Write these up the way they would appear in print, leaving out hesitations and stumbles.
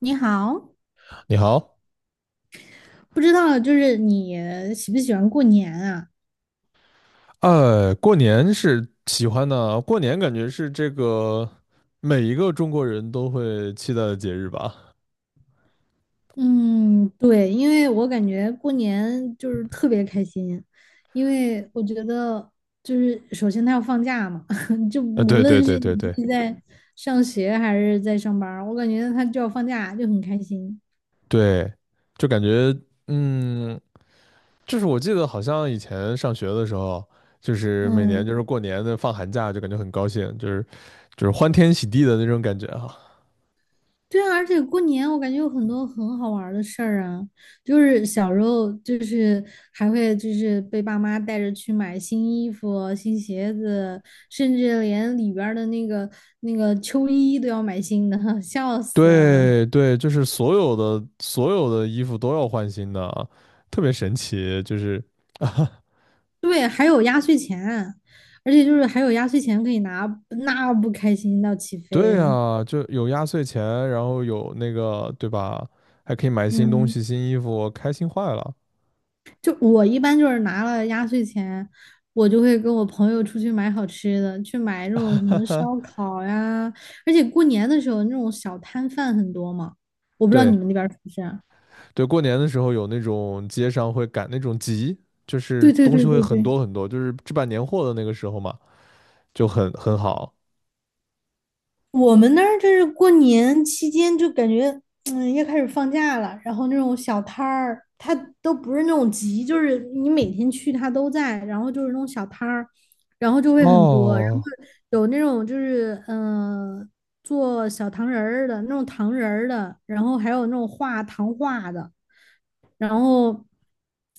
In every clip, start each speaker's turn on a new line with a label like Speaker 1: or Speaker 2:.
Speaker 1: 你好，
Speaker 2: 你好。
Speaker 1: 不知道就是你喜不喜欢过年啊？
Speaker 2: 过年是喜欢的，过年感觉是这个每一个中国人都会期待的节日吧？
Speaker 1: 嗯，对，因为我感觉过年就是特别开心，因为我觉得就是首先他要放假嘛，就
Speaker 2: 呃，
Speaker 1: 无
Speaker 2: 对对
Speaker 1: 论
Speaker 2: 对
Speaker 1: 是你
Speaker 2: 对对
Speaker 1: 是在上学还是在上班儿我感觉他就要放假，就很开心。
Speaker 2: 对，就感觉嗯，就是我记得好像以前上学的时候，就是每年就
Speaker 1: 嗯。
Speaker 2: 是过年的放寒假，就感觉很高兴，就是欢天喜地的那种感觉哈。
Speaker 1: 对啊，而且过年我感觉有很多很好玩儿的事儿啊，就是小时候就是还会就是被爸妈带着去买新衣服、新鞋子，甚至连里边儿的那个那个秋衣都要买新的，笑死了。
Speaker 2: 对对，就是所有的衣服都要换新的啊，特别神奇，就是
Speaker 1: 对，还有压岁钱啊，而且就是还有压岁钱可以拿，那不开心到起飞
Speaker 2: 对
Speaker 1: 了。
Speaker 2: 啊，就有压岁钱，然后有那个，对吧？还可以买新东
Speaker 1: 嗯。
Speaker 2: 西、新衣服，开心坏了。
Speaker 1: 就我一般就是拿了压岁钱，我就会跟我朋友出去买好吃的，去买那种什么烧 烤呀，而且过年的时候那种小摊贩很多嘛，我不知道你
Speaker 2: 对
Speaker 1: 们那边儿是不是啊？
Speaker 2: 对，过年的时候有那种街上会赶那种集，就是
Speaker 1: 对对
Speaker 2: 东西
Speaker 1: 对
Speaker 2: 会
Speaker 1: 对
Speaker 2: 很
Speaker 1: 对，
Speaker 2: 多很多，就是置办年货的那个时候嘛，就很好。
Speaker 1: 我们那儿就是过年期间就感觉，嗯，要开始放假了，然后那种小摊儿，它都不是那种集，就是你每天去它都在，然后就是那种小摊儿，然后就会很多，然后
Speaker 2: 哦
Speaker 1: 有那种就是做小糖人儿的那种糖人儿的，然后还有那种画糖画的，然后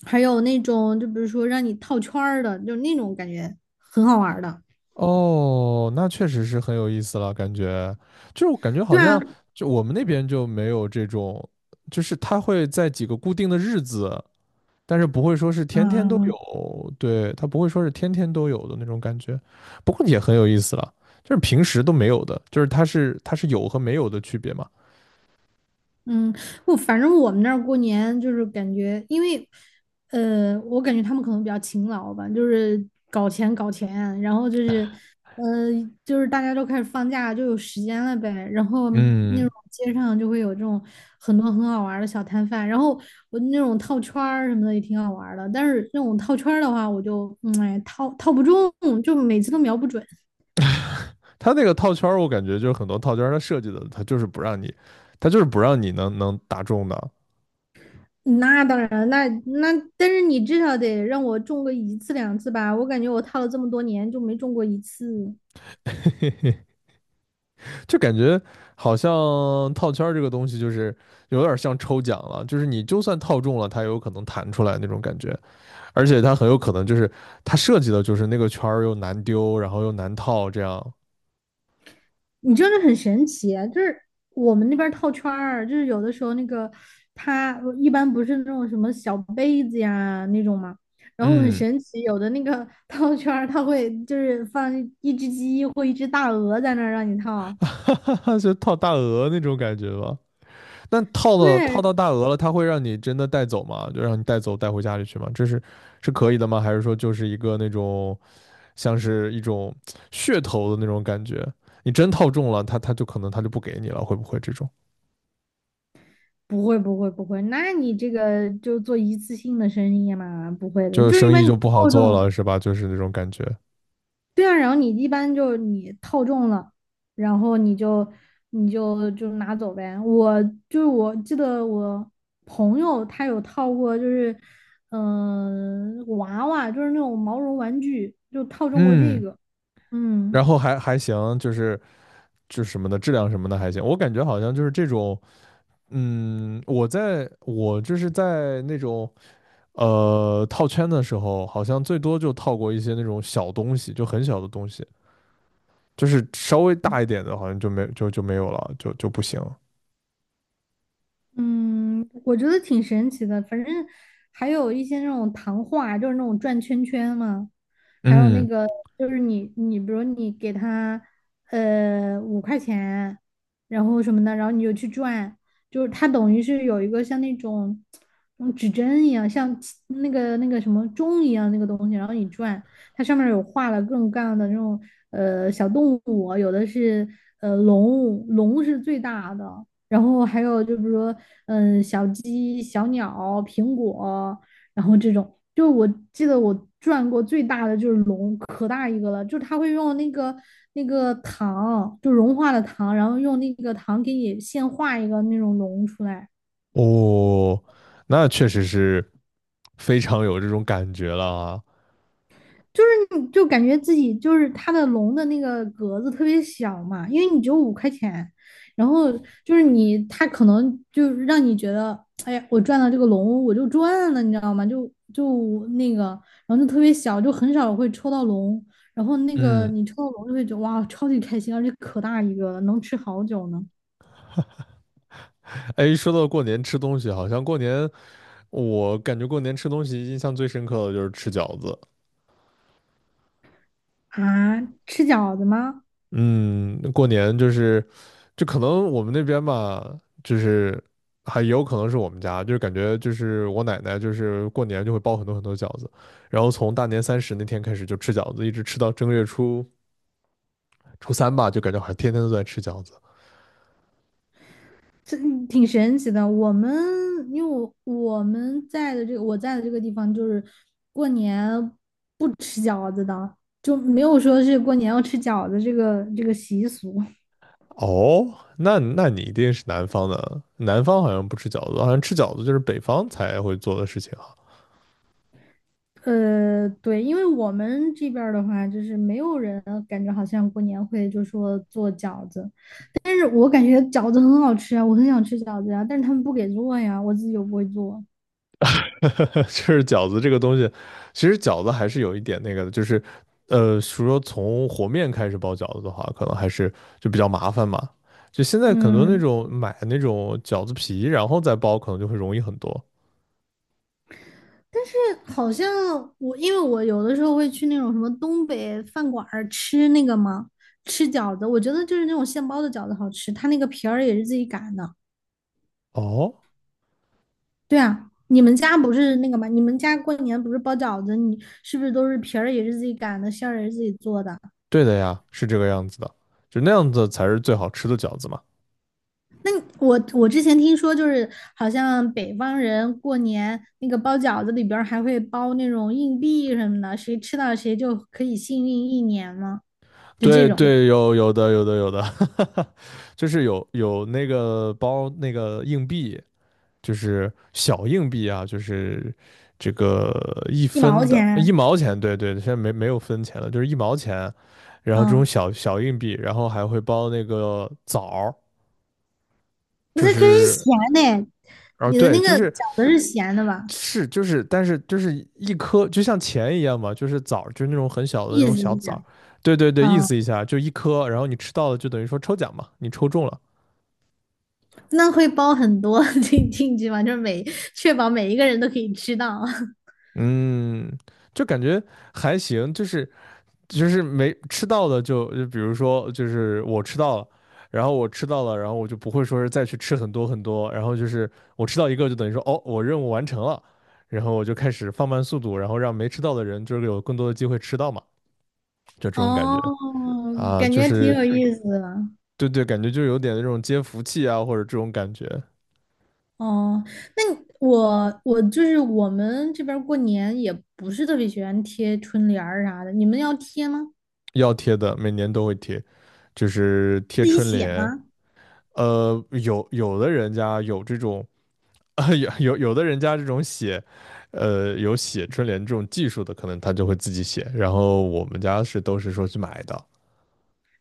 Speaker 1: 还有那种就比如说让你套圈儿的，就那种感觉很好玩儿的，
Speaker 2: 哦，那确实是很有意思了，感觉就是我感觉好
Speaker 1: 对啊。
Speaker 2: 像就我们那边就没有这种，就是他会在几个固定的日子。但是不会说是天天都有，对，它不会说是天天都有的那种感觉，不过也很有意思了，就是平时都没有的，就是它是有和没有的区别嘛。
Speaker 1: 嗯，我反正我们那儿过年就是感觉，因为，我感觉他们可能比较勤劳吧，就是搞钱搞钱，然后就是，呃，就是大家都开始放假，就有时间了呗。然后那种
Speaker 2: 嗯，
Speaker 1: 街上就会有这种很多很好玩儿的小摊贩，然后我那种套圈儿什么的也挺好玩儿的，但是那种套圈儿的话，我就，嗯，哎，套不中，就每次都瞄不准。
Speaker 2: 它那个套圈儿，我感觉就是很多套圈儿它设计的，它就是不让你，它就是不让你能打中的，
Speaker 1: 那当然，那但是你至少得让我中个一次两次吧，我感觉我套了这么多年就没中过一次。
Speaker 2: 就感觉好像套圈儿这个东西就是有点像抽奖了，就是你就算套中了，它也有可能弹出来那种感觉，而且它很有可能就是它设计的就是那个圈儿又难丢，然后又难套这样。
Speaker 1: 你真的很神奇啊，就是我们那边套圈儿，就是有的时候那个它一般不是那种什么小杯子呀那种嘛，然后很
Speaker 2: 嗯，
Speaker 1: 神奇，有的那个 套圈儿它会就是放一只鸡或一只大鹅在那儿让你套。
Speaker 2: 哈哈哈，就套大鹅那种感觉吧。那套到套
Speaker 1: 对，
Speaker 2: 到大鹅了，它会让你真的带走吗？就让你带走带回家里去吗？这是是可以的吗？还是说就是一个那种像是一种噱头的那种感觉？你真套中了，它就可能它就不给你了，会不会这种
Speaker 1: 不会，那你这个就做一次性的生意嘛，不会的，
Speaker 2: 就
Speaker 1: 就是一
Speaker 2: 生意
Speaker 1: 般你
Speaker 2: 就不好
Speaker 1: 套
Speaker 2: 做
Speaker 1: 中。
Speaker 2: 了，是吧？就是那种感觉。
Speaker 1: 对啊，然后你一般就是你套中了，然后你就你就拿走呗。我就是我记得我朋友他有套过，就是娃娃，就是那种毛绒玩具，就套中过这
Speaker 2: 嗯，
Speaker 1: 个。
Speaker 2: 然
Speaker 1: 嗯。
Speaker 2: 后还行，就是就是什么的质量什么的还行。我感觉好像就是这种，嗯，我就是在那种。呃，套圈的时候好像最多就套过一些那种小东西，就很小的东西，就是稍微大一点的，好像就没有了，就不行。
Speaker 1: 嗯，我觉得挺神奇的。反正还有一些那种糖画，就是那种转圈圈嘛。还有那
Speaker 2: 嗯，
Speaker 1: 个，就是你比如你给他五块钱，然后什么的，然后你就去转，就是它等于是有一个像那种指针一样，像起那个那个什么钟一样那个东西，然后你转，它上面有画了各种各样的那种小动物，有的是龙，龙是最大的。然后还有就比如说，嗯，小鸡、小鸟、苹果，然后这种，就是我记得我转过最大的就是龙，可大一个了，就是它会用那个那个糖，就融化的糖，然后用那个糖给你现画一个那种龙出来。
Speaker 2: 哦，那确实是非常有这种感觉了啊。
Speaker 1: 就是你就感觉自己就是它的龙的那个格子特别小嘛，因为你只有五块钱，然后就是你它可能就是让你觉得，哎呀，我赚到这个龙我就赚了，你知道吗？就就那个，然后就特别小，就很少会抽到龙，然后那个
Speaker 2: 嗯，
Speaker 1: 你抽到龙就会觉得哇，超级开心，而且可大一个了，能吃好久呢。
Speaker 2: 哎，说到过年吃东西，好像过年我感觉过年吃东西印象最深刻的就是吃饺子。
Speaker 1: 啊，吃饺子吗？
Speaker 2: 嗯，过年就是，就可能我们那边吧，就是还有可能是我们家，就是感觉就是我奶奶就是过年就会包很多很多饺子，然后从大年三十那天开始就吃饺子，一直吃到正月初三吧，就感觉好像天天都在吃饺子。
Speaker 1: 这挺神奇的。我们因为我们在的这个我在的这个地方，就是过年不吃饺子的，就没有说是过年要吃饺子这个这个习俗。
Speaker 2: 哦，那你一定是南方的，南方好像不吃饺子，好像吃饺子就是北方才会做的事情啊。
Speaker 1: 对，因为我们这边儿的话，就是没有人感觉好像过年会就说做饺子，但是我感觉饺子很好吃啊，我很想吃饺子呀、但是他们不给做呀，我自己又不会做。
Speaker 2: 就是饺子这个东西，其实饺子还是有一点那个的，就是呃，说从和面开始包饺子的话，可能还是就比较麻烦嘛。就现在很多那
Speaker 1: 嗯，
Speaker 2: 种买那种饺子皮，然后再包，可能就会容易很多。
Speaker 1: 但是好像我，因为我有的时候会去那种什么东北饭馆儿吃那个嘛，吃饺子，我觉得就是那种现包的饺子好吃，它那个皮儿也是自己擀的。
Speaker 2: 哦，
Speaker 1: 对啊，你们家不是那个吗？你们家过年不是包饺子，你是不是都是皮儿也是自己擀的，馅儿也是自己做的？
Speaker 2: 对的呀，是这个样子的，就那样子才是最好吃的饺子嘛。
Speaker 1: 那你我之前听说，就是好像北方人过年那个包饺子里边儿还会包那种硬币什么的，谁吃到谁就可以幸运一年嘛，就这
Speaker 2: 对
Speaker 1: 种
Speaker 2: 对，有的，就是有那个包那个硬币，就是小硬币啊，就是这个一
Speaker 1: 一毛
Speaker 2: 分的一
Speaker 1: 钱，
Speaker 2: 毛钱，对对，现在没有分钱了，就是一毛钱，然后这种
Speaker 1: 嗯。
Speaker 2: 小小硬币，然后还会包那个枣儿，
Speaker 1: 那
Speaker 2: 就
Speaker 1: 它可是
Speaker 2: 是
Speaker 1: 咸的，
Speaker 2: 哦
Speaker 1: 你的
Speaker 2: 对，
Speaker 1: 那
Speaker 2: 就
Speaker 1: 个饺
Speaker 2: 是
Speaker 1: 子是咸的吧？
Speaker 2: 是就是，但是就是一颗就像钱一样嘛，就是枣儿，就是那种很小的那
Speaker 1: 意
Speaker 2: 种
Speaker 1: 思
Speaker 2: 小
Speaker 1: 一
Speaker 2: 枣儿，
Speaker 1: 下，
Speaker 2: 对对对，意
Speaker 1: 嗯，
Speaker 2: 思一下就一颗，然后你吃到了就等于说抽奖嘛，你抽中了，
Speaker 1: 那会包很多 进去吗？就是每确保每一个人都可以吃到。
Speaker 2: 嗯，就感觉还行，就是。就是没吃到的就比如说就是我吃到了，然后我吃到了，然后我就不会说是再去吃很多很多，然后就是我吃到一个就等于说哦我任务完成了，然后我就开始放慢速度，然后让没吃到的人就是有更多的机会吃到嘛，就这种感觉
Speaker 1: 哦，
Speaker 2: 啊，
Speaker 1: 感
Speaker 2: 就
Speaker 1: 觉挺
Speaker 2: 是
Speaker 1: 有意思的。
Speaker 2: 对对，感觉就有点那种接福气啊或者这种感觉，
Speaker 1: 哦，那你我就是我们这边儿过年也不是特别喜欢贴春联儿啥的，你们要贴吗？
Speaker 2: 要贴的每年都会贴，就是贴
Speaker 1: 自己
Speaker 2: 春
Speaker 1: 写
Speaker 2: 联，
Speaker 1: 吗？
Speaker 2: 呃有有的人家有这种。啊，有 有的人家这种写，呃，有写春联这种技术的，可能他就会自己写。然后我们家是都是说去买的。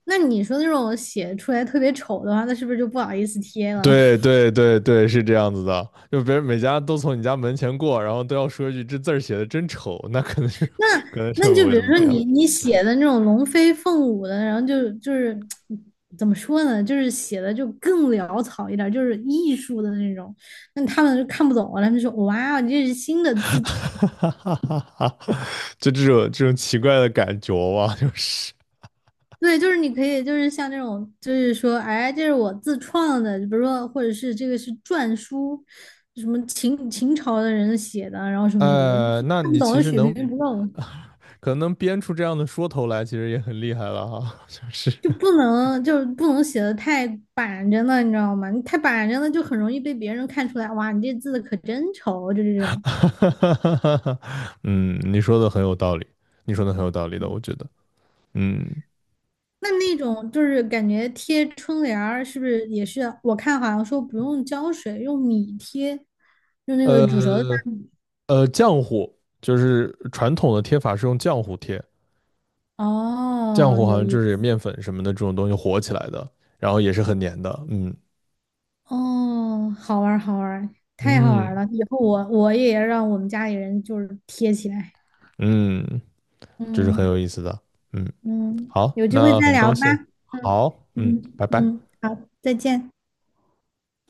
Speaker 1: 那你说那种写出来特别丑的话，那是不是就不好意思贴了？
Speaker 2: 对对对对，是这样子的。就别人每家都从你家门前过，然后都要说一句"这字儿写的真丑"，那可能就
Speaker 1: 那
Speaker 2: 可能就
Speaker 1: 那
Speaker 2: 不
Speaker 1: 就
Speaker 2: 会
Speaker 1: 比
Speaker 2: 那
Speaker 1: 如
Speaker 2: 么
Speaker 1: 说
Speaker 2: 点了。
Speaker 1: 你写的那种龙飞凤舞的，然后就是怎么说呢，就是写的就更潦草一点就是艺术的那种，那他们就看不懂了，他们就说哇哦，你这是新 的
Speaker 2: 哈
Speaker 1: 字体。
Speaker 2: 哈哈哈哈！就这种奇怪的感觉吧，就是。
Speaker 1: 对，就是你可以，就是像那种，就是说，哎，这是我自创的，比如说，或者是这个是篆书，什么秦朝的人写的，然后什么什么的，就
Speaker 2: 那
Speaker 1: 看不
Speaker 2: 你其
Speaker 1: 懂，
Speaker 2: 实
Speaker 1: 水
Speaker 2: 能
Speaker 1: 平不够。
Speaker 2: 可能能编出这样的说头来，其实也很厉害了哈，就是。
Speaker 1: 就不能就是不能写的太板着了，你知道吗？你太板着了就很容易被别人看出来，哇，你这字可真丑，就这 种。
Speaker 2: 哈，嗯，你说的很有道理，你说的很有道理的，我觉得，嗯，
Speaker 1: 那那种就是感觉贴春联儿，是不是也是？我看好像说不用胶水，用米贴，用那个煮熟的大
Speaker 2: 呃
Speaker 1: 米。
Speaker 2: 浆糊就是传统的贴法是用浆糊贴，浆
Speaker 1: 哦，
Speaker 2: 糊好
Speaker 1: 有
Speaker 2: 像
Speaker 1: 意
Speaker 2: 就是
Speaker 1: 思，
Speaker 2: 面粉什么的这种东西和起来的，然后也是很粘的，嗯
Speaker 1: 哦，好玩儿，好玩儿，太好玩儿
Speaker 2: 嗯
Speaker 1: 了！以后我也让我们家里人就是贴起来。
Speaker 2: 嗯，这是很
Speaker 1: 嗯。
Speaker 2: 有意思的，嗯，
Speaker 1: 嗯，
Speaker 2: 好，
Speaker 1: 有机会
Speaker 2: 那
Speaker 1: 再
Speaker 2: 很
Speaker 1: 聊
Speaker 2: 高
Speaker 1: 吧。
Speaker 2: 兴，
Speaker 1: 嗯
Speaker 2: 好，嗯，
Speaker 1: 嗯
Speaker 2: 拜拜。
Speaker 1: 嗯，好，再见。